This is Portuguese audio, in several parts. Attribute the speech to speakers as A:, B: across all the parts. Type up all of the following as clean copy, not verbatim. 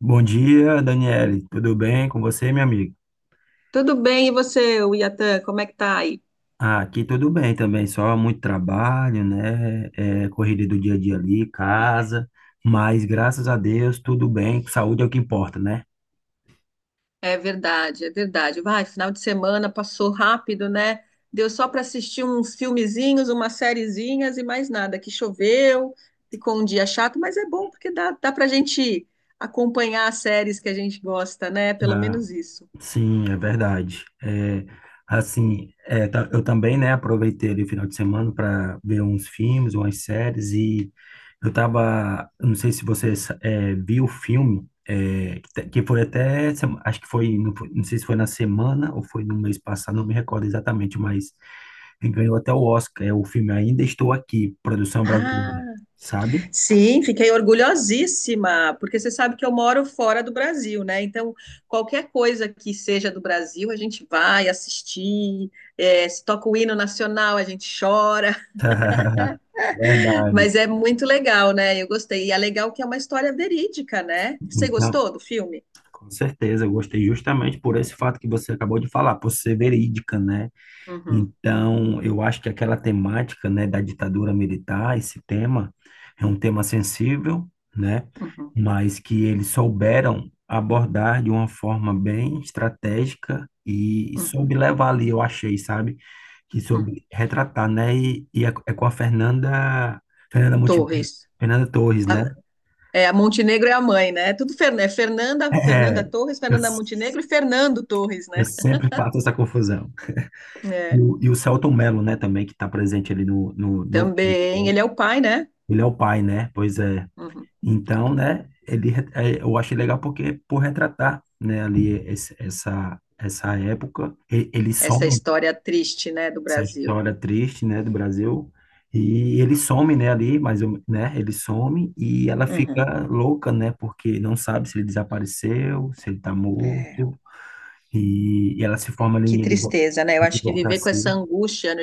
A: Bom dia, Daniele. Tudo bem com você, minha amiga?
B: Tudo bem, e você, o Iatan, como é que tá aí?
A: Ah, aqui tudo bem também, só muito trabalho, né? Correria do dia a dia ali,
B: É.
A: casa, mas graças a Deus tudo bem, saúde é o que importa, né?
B: É verdade, é verdade. Vai, final de semana passou rápido, né? Deu só para assistir uns filmezinhos, umas sériezinhas e mais nada. Que choveu, ficou um dia chato, mas é bom porque dá para a gente acompanhar as séries que a gente gosta, né? Pelo
A: Ah,
B: menos isso.
A: sim, é verdade. Assim, eu também, né, aproveitei ali o final de semana para ver uns filmes, umas séries. E eu não sei se você viu o filme, que foi até, acho que foi, não, não sei se foi na semana ou foi no mês passado, não me recordo exatamente, mas ele ganhou até o Oscar. É o filme Ainda Estou Aqui, produção
B: Ah.
A: brasileira, sabe?
B: Sim, fiquei orgulhosíssima, porque você sabe que eu moro fora do Brasil, né? Então, qualquer coisa que seja do Brasil, a gente vai assistir, se toca o hino nacional, a gente chora, mas
A: Verdade.
B: é muito legal, né? Eu gostei. E é legal que é uma história verídica, né? Você
A: Então,
B: gostou do filme?
A: com certeza, eu gostei justamente por esse fato que você acabou de falar, por ser verídica, né?
B: Uhum,
A: Então, eu acho que aquela temática, né, da ditadura militar, esse tema, é um tema sensível, né?
B: uhum,
A: Mas que eles souberam abordar de uma forma bem estratégica e
B: uhum,
A: soube levar ali, eu achei, sabe? Que
B: uhum.
A: soube retratar, né? E é com a Fernanda, Fernanda Montenegro,
B: Torres.
A: Fernanda Torres, né?
B: A- É, a Montenegro é a mãe, né? É tudo Fer- é Fernanda,
A: É,
B: Fernanda Torres,
A: eu,
B: Fernanda Montenegro e Fernando Torres,
A: eu
B: né?
A: sempre faço essa confusão. E
B: É,
A: o, e o Selton Mello, né, também, que está presente ali no filme,
B: também,
A: né?
B: ele é o pai, né?
A: Ele é o pai, né? Pois é.
B: Uhum.
A: Então, né, eu achei legal porque, por retratar, né, ali essa época, ele
B: Essa
A: some
B: história triste, né, do
A: essa
B: Brasil.
A: história triste, né, do Brasil, e ele some, né, ali, mas, né, ele some e ela
B: Uhum.
A: fica louca, né, porque não sabe se ele desapareceu, se ele está
B: É,
A: morto, e ela se forma ali
B: que
A: em
B: tristeza, né? Eu acho que viver com essa
A: advocacia.
B: angústia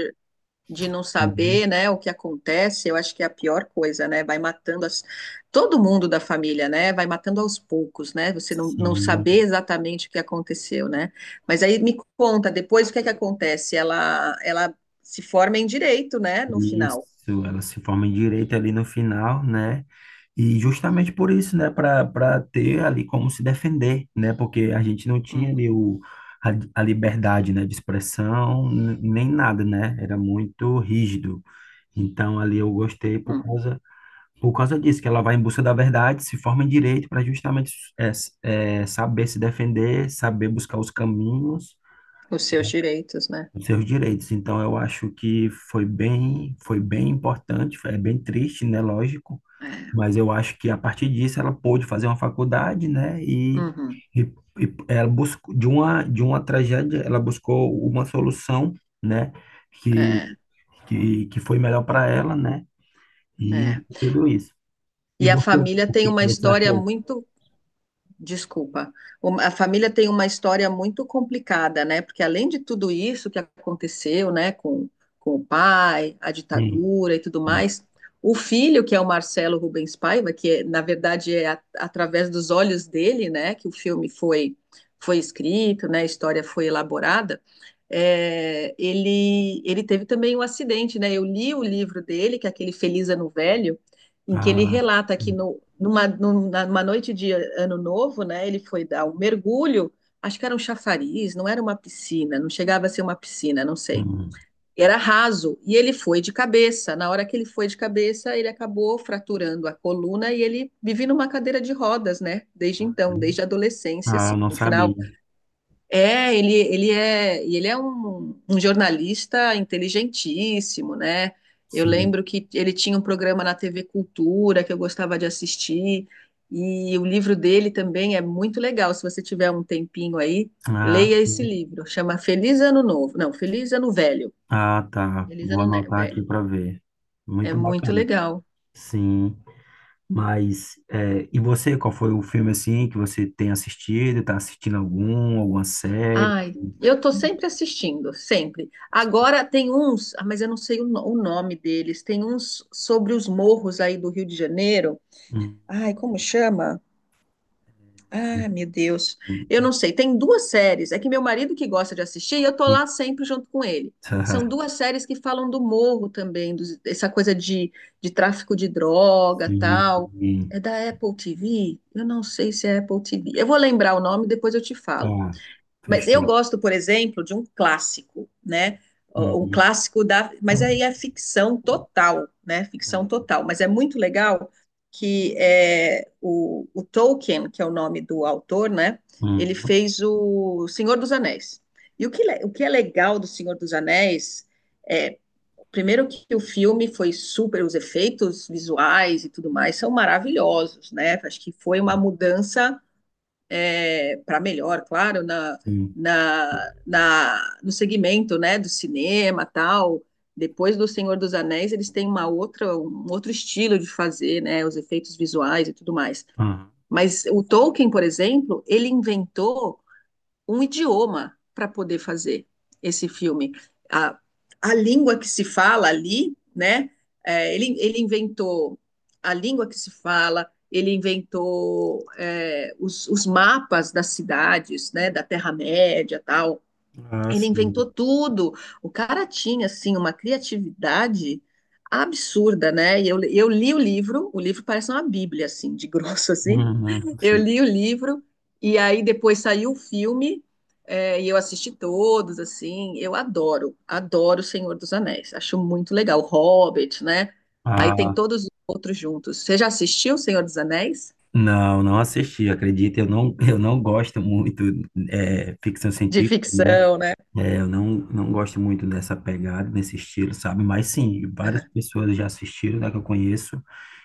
B: de não
A: Uhum.
B: saber, né, o que acontece, eu acho que é a pior coisa, né? Vai matando as... todo mundo da família, né? Vai matando aos poucos, né? Você não saber
A: Sim,
B: exatamente o que aconteceu, né? Mas aí me conta depois o que é que acontece. Ela se forma em direito, né? No
A: isso,
B: final.
A: ela se forma em direito ali no final, né? E justamente por isso, né, para ter ali como se defender, né? Porque a gente não tinha
B: Uhum,
A: ali a, a liberdade, né, de expressão, nem nada, né? Era muito rígido. Então ali eu gostei por
B: uhum.
A: causa por causa disso, que ela vai em busca da verdade, se forma em direito para justamente saber se defender, saber buscar os caminhos,
B: Os seus direitos, né?
A: os seus direitos. Então, eu acho que foi bem importante, é bem triste, né? Lógico,
B: É,
A: mas eu acho que a partir disso ela pôde fazer uma faculdade, né?
B: uhum,
A: E, e ela buscou de uma tragédia, ela buscou uma solução, né? Que
B: é,
A: que foi melhor para ela, né? E
B: é.
A: tudo isso. E
B: E a
A: você,
B: família
A: o
B: tem
A: que que
B: uma
A: você
B: história
A: achou?
B: muito, desculpa, um- a família tem uma história muito complicada, né? Porque além de tudo isso que aconteceu, né, com o pai, a
A: Sim.
B: ditadura e tudo
A: Hum.
B: mais, o filho, que é o Marcelo Rubens Paiva, que é, na verdade é a- através dos olhos dele, né, que o filme foi, foi escrito, né, a história foi elaborada, ele teve também um acidente, né? Eu li o livro dele, que é aquele Feliz Ano Velho, em que ele
A: Ah,
B: relata que
A: hum,
B: no, numa, numa noite de ano novo, né, ele foi dar um mergulho, acho que era um chafariz, não era uma piscina, não chegava a ser uma piscina, não sei. Era raso e ele foi de cabeça. Na hora que ele foi de cabeça, ele acabou fraturando a coluna e ele vive numa cadeira de rodas, né? Desde então,
A: hum.
B: desde a adolescência,
A: Ah,
B: assim,
A: eu não
B: no
A: sabia.
B: final ele é um jornalista inteligentíssimo, né? Eu
A: Sim.
B: lembro que ele tinha um programa na TV Cultura que eu gostava de assistir, e o livro dele também é muito legal. Se você tiver um tempinho aí,
A: Ah,
B: leia esse
A: sim.
B: livro. Chama Feliz Ano Novo. Não, Feliz Ano Velho.
A: Ah, tá.
B: Feliz
A: Vou
B: Ano Ne-
A: anotar aqui
B: Velho.
A: para ver.
B: É
A: Muito
B: muito
A: bacana.
B: legal.
A: Sim. Mas, e você, qual foi o filme assim que você tem assistido? Tá assistindo alguma série?
B: Ai, eu tô sempre assistindo, sempre. Agora tem uns, ah, mas eu não sei o, no- o nome deles. Tem uns sobre os morros aí do Rio de Janeiro.
A: Hum,
B: Ai, como chama? Ai, meu Deus. Eu não sei. Tem duas séries. É que meu marido que gosta de assistir, e eu tô
A: eita.
B: lá sempre junto com ele. São duas séries que falam do morro também, dos- essa coisa de tráfico de droga, tal.
A: Sim.
B: É da Apple TV? Eu não sei se é Apple TV. Eu vou lembrar o nome, depois eu te falo.
A: Tá.
B: Mas eu
A: Fechou.
B: gosto, por exemplo, de um clássico, né? Um
A: Uhum.
B: clássico da. Mas aí é ficção total, né? Ficção
A: É.
B: total. Mas é muito legal que é, o Tolkien, que é o nome do autor, né? Ele
A: Uhum.
B: fez o Senhor dos Anéis. E o que, le- o que é legal do Senhor dos Anéis é, primeiro que o filme foi super, os efeitos visuais e tudo mais são maravilhosos, né? Acho que foi uma mudança é, para melhor, claro,
A: Sim.
B: no segmento, né, do cinema, tal. Depois do Senhor dos Anéis, eles têm uma outra, um outro estilo de fazer, né, os efeitos visuais e tudo mais.
A: Uhum. Ah,
B: Mas o Tolkien, por exemplo, ele inventou um idioma para poder fazer esse filme. A, a língua que se fala ali, né? É, ele inventou a língua que se fala, ele inventou é, mapas das cidades, né, da Terra-média e tal.
A: Ah,
B: Ele inventou
A: sim.
B: tudo. O cara tinha, assim, uma criatividade absurda, né? E eu li o livro parece uma bíblia, assim, de grosso, assim,
A: Uhum.
B: eu li
A: Sim.
B: o livro e aí depois saiu o filme é, e eu assisti todos, assim. Eu adoro, adoro O Senhor dos Anéis. Acho muito legal. Hobbit, né? Aí tem
A: Ah,
B: todos os outros juntos. Você já assistiu O Senhor dos Anéis?
A: não, não assisti, acredita, eu não gosto muito. Ficção
B: De
A: científica, né?
B: ficção, né?
A: É, eu não gosto muito dessa pegada, desse estilo, sabe? Mas sim, várias pessoas já assistiram, né, que eu conheço,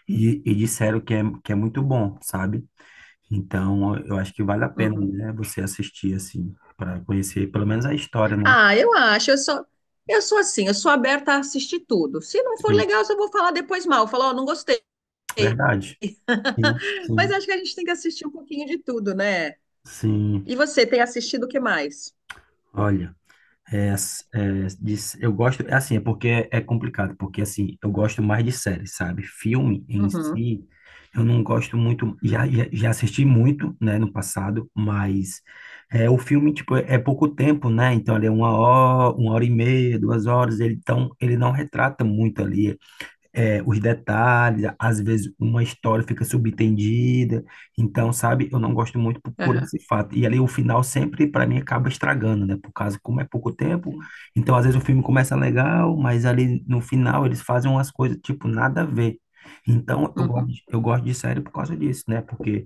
A: e disseram que é muito bom, sabe? Então, eu acho que vale a
B: Aham.
A: pena,
B: Uhum.
A: né, você assistir, assim, para conhecer pelo menos a história, né?
B: Ah, eu acho, eu sou assim, eu sou aberta a assistir tudo. Se não for
A: Sim,
B: legal, eu só vou falar depois mal, falar, ó, não gostei.
A: verdade. Sim,
B: Mas
A: sim,
B: acho que a gente tem que assistir um pouquinho de tudo, né?
A: sim.
B: E você tem assistido o que mais?
A: Olha. Eu gosto, é assim, é porque é complicado, porque assim, eu gosto mais de séries, sabe? Filme em
B: Uhum,
A: si, eu não gosto muito, já assisti muito, né, no passado, mas o filme, tipo, é pouco tempo, né? Então, ele é 1 hora, 1h30, 2 horas. Ele, então, ele não retrata muito ali os detalhes, às vezes uma história fica subentendida, então, sabe, eu não gosto muito por
B: aham,
A: esse fato. E ali o final sempre, para mim, acaba estragando, né? Por causa, como é pouco tempo, então às vezes o filme começa legal, mas ali no final eles fazem umas coisas, tipo, nada a ver. Então, eu gosto,
B: uhum,
A: de- eu gosto de série por causa disso, né? Porque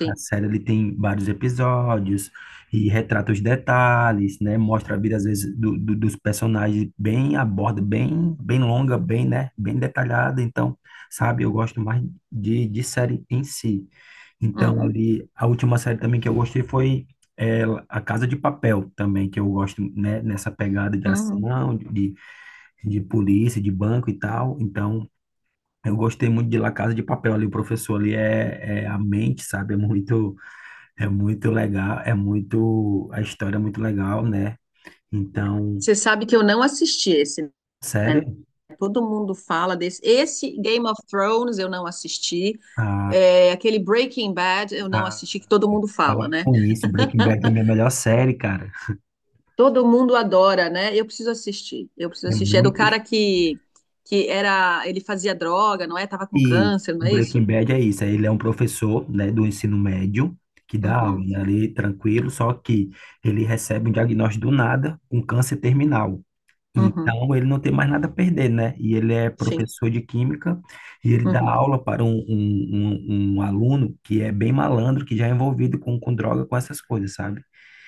A: a série ele tem vários episódios e retrata os detalhes, né? Mostra a vida, às vezes, dos personagens bem aborda bem, longa, bem, né? Bem detalhada. Então, sabe, eu gosto mais de série em si. Então,
B: Uhum,
A: ali, a última série também que eu gostei foi é, A Casa de Papel, também, que eu gosto, né? Nessa pegada de
B: uhum.
A: ação, de polícia, de banco e tal. Então, eu gostei muito de La Casa de Papel ali. O professor ali é a mente, sabe? É muito legal, é muito, a história é muito legal, né? Então,
B: Você sabe que eu não assisti esse, né?
A: sério,
B: Todo mundo fala desse. Esse Game of Thrones eu não assisti.
A: ah,
B: É, aquele Breaking Bad eu não
A: ah,
B: assisti, que todo mundo fala,
A: para
B: né?
A: com isso, Breaking Bad é a minha melhor série, cara.
B: Todo mundo adora, né? Eu preciso assistir. Eu preciso
A: É
B: assistir. É do
A: muito,
B: cara que era. Ele fazia droga, não é? Tava com
A: e
B: câncer,
A: o
B: não é
A: Breaking
B: isso?
A: Bad é isso, ele é um professor, né, do ensino médio, que dá aula,
B: Uhum,
A: né, ali, tranquilo, só que ele recebe um diagnóstico do nada, um câncer terminal.
B: uhum,
A: Então, ele não tem mais nada a perder, né? E ele é
B: sim.
A: professor de química e ele dá
B: Uhum,
A: aula para um aluno que é bem malandro, que já é envolvido com droga, com essas coisas, sabe?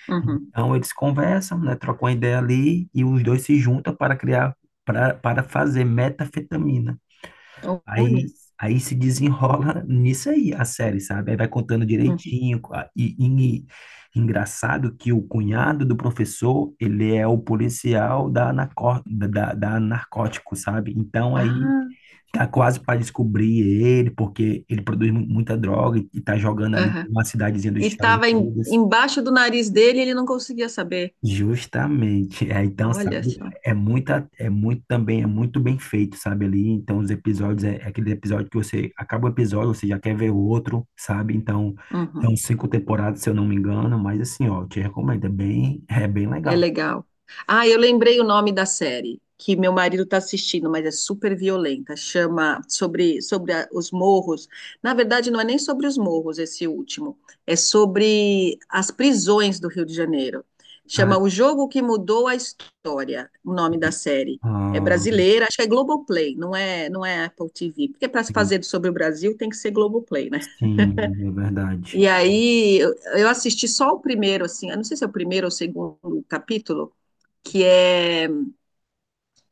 B: uhum.
A: Então, eles conversam, né? Trocam uma ideia ali e os dois se juntam para fazer metafetamina. Aí,
B: Olha.
A: aí se desenrola nisso aí, a série, sabe? Aí vai contando
B: Uhum.
A: direitinho. E engraçado que o cunhado do professor, ele é o policial da, narco, da, da da narcótico, sabe? Então aí
B: Ah,
A: tá quase para descobrir ele, porque ele produz muita droga e tá jogando ali
B: aham.
A: numa cidadezinha dos
B: E
A: Estados
B: estava
A: Unidos.
B: embaixo do nariz dele e ele não conseguia saber.
A: Justamente. É, então,
B: Olha
A: sabe,
B: só.
A: é muito também, é muito bem feito, sabe, ali. Então, os episódios, é aquele episódio que você acaba o episódio, você já quer ver o outro, sabe? Então, são
B: Uhum.
A: cinco temporadas, se eu não me engano, mas assim, ó, eu te recomendo, é bem
B: É
A: legal.
B: legal. Ah, eu lembrei o nome da série que meu marido está assistindo, mas é super violenta. Chama sobre, sobre a- os morros. Na verdade, não é nem sobre os morros esse último. É sobre as prisões do Rio de Janeiro.
A: Ah,
B: Chama O Jogo que Mudou a História, o nome da série. É
A: ah,
B: brasileira, acho que é Globoplay, não é, não é Apple TV. Porque para se fazer sobre o Brasil tem que ser Globoplay, né?
A: sim, é verdade.
B: E aí eu assisti só o primeiro, assim, eu não sei se é o primeiro ou o segundo capítulo, que é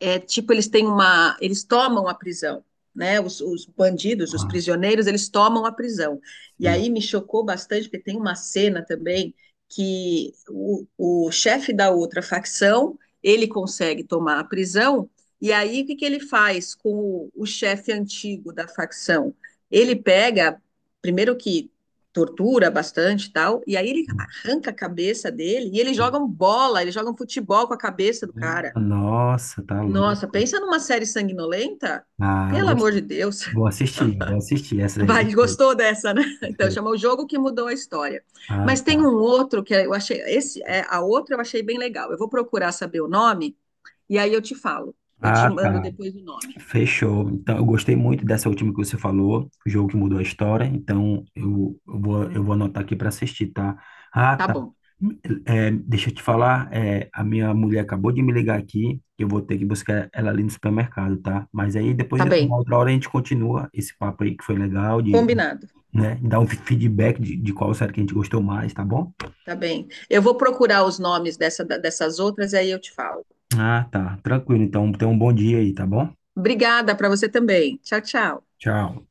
B: é, tipo, eles têm uma. Eles tomam a prisão. Né, bandidos, os
A: Ah,
B: prisioneiros, eles tomam a prisão. E
A: sim.
B: aí me chocou bastante, porque tem uma cena também que o chefe da outra facção ele consegue tomar a prisão, e aí o que, que ele faz com o chefe antigo da facção? Ele pega, primeiro que tortura bastante e tal, e aí ele arranca a cabeça dele e eles jogam bola, eles jogam futebol com a cabeça do
A: Minha
B: cara.
A: Nossa, tá
B: Nossa,
A: louco.
B: pensa numa série sanguinolenta?
A: Ah,
B: Pelo amor de
A: gostei.
B: Deus.
A: Vou assistir essa aí.
B: Vai,
A: Gostei,
B: gostou dessa, né? Então,
A: gostei.
B: chama O Jogo que Mudou a História.
A: Ah,
B: Mas tem
A: tá.
B: um outro que eu achei, esse, é, a outra eu achei bem legal. Eu vou procurar saber o nome e aí eu te falo. Eu te
A: Ah,
B: mando
A: tá.
B: depois o nome.
A: Fechou. Então, eu gostei muito dessa última que você falou, O Jogo que Mudou a História. Então,
B: Uhum.
A: eu vou anotar aqui para assistir, tá? Ah,
B: Tá
A: tá.
B: bom,
A: Deixa eu te falar, a minha mulher acabou de me ligar aqui, eu vou ter que buscar ela ali no supermercado, tá? Mas aí depois,
B: tá
A: uma
B: bem.
A: outra hora, a gente continua esse papo aí que foi legal, de,
B: Combinado,
A: né, dar um feedback de qual série que a gente gostou mais, tá bom?
B: tá bem. Eu vou procurar os nomes dessa, dessas outras e aí eu te falo.
A: Ah, tá. Tranquilo. Então, tenha um bom dia aí, tá bom?
B: Obrigada para você também. Tchau, tchau.
A: Tchau.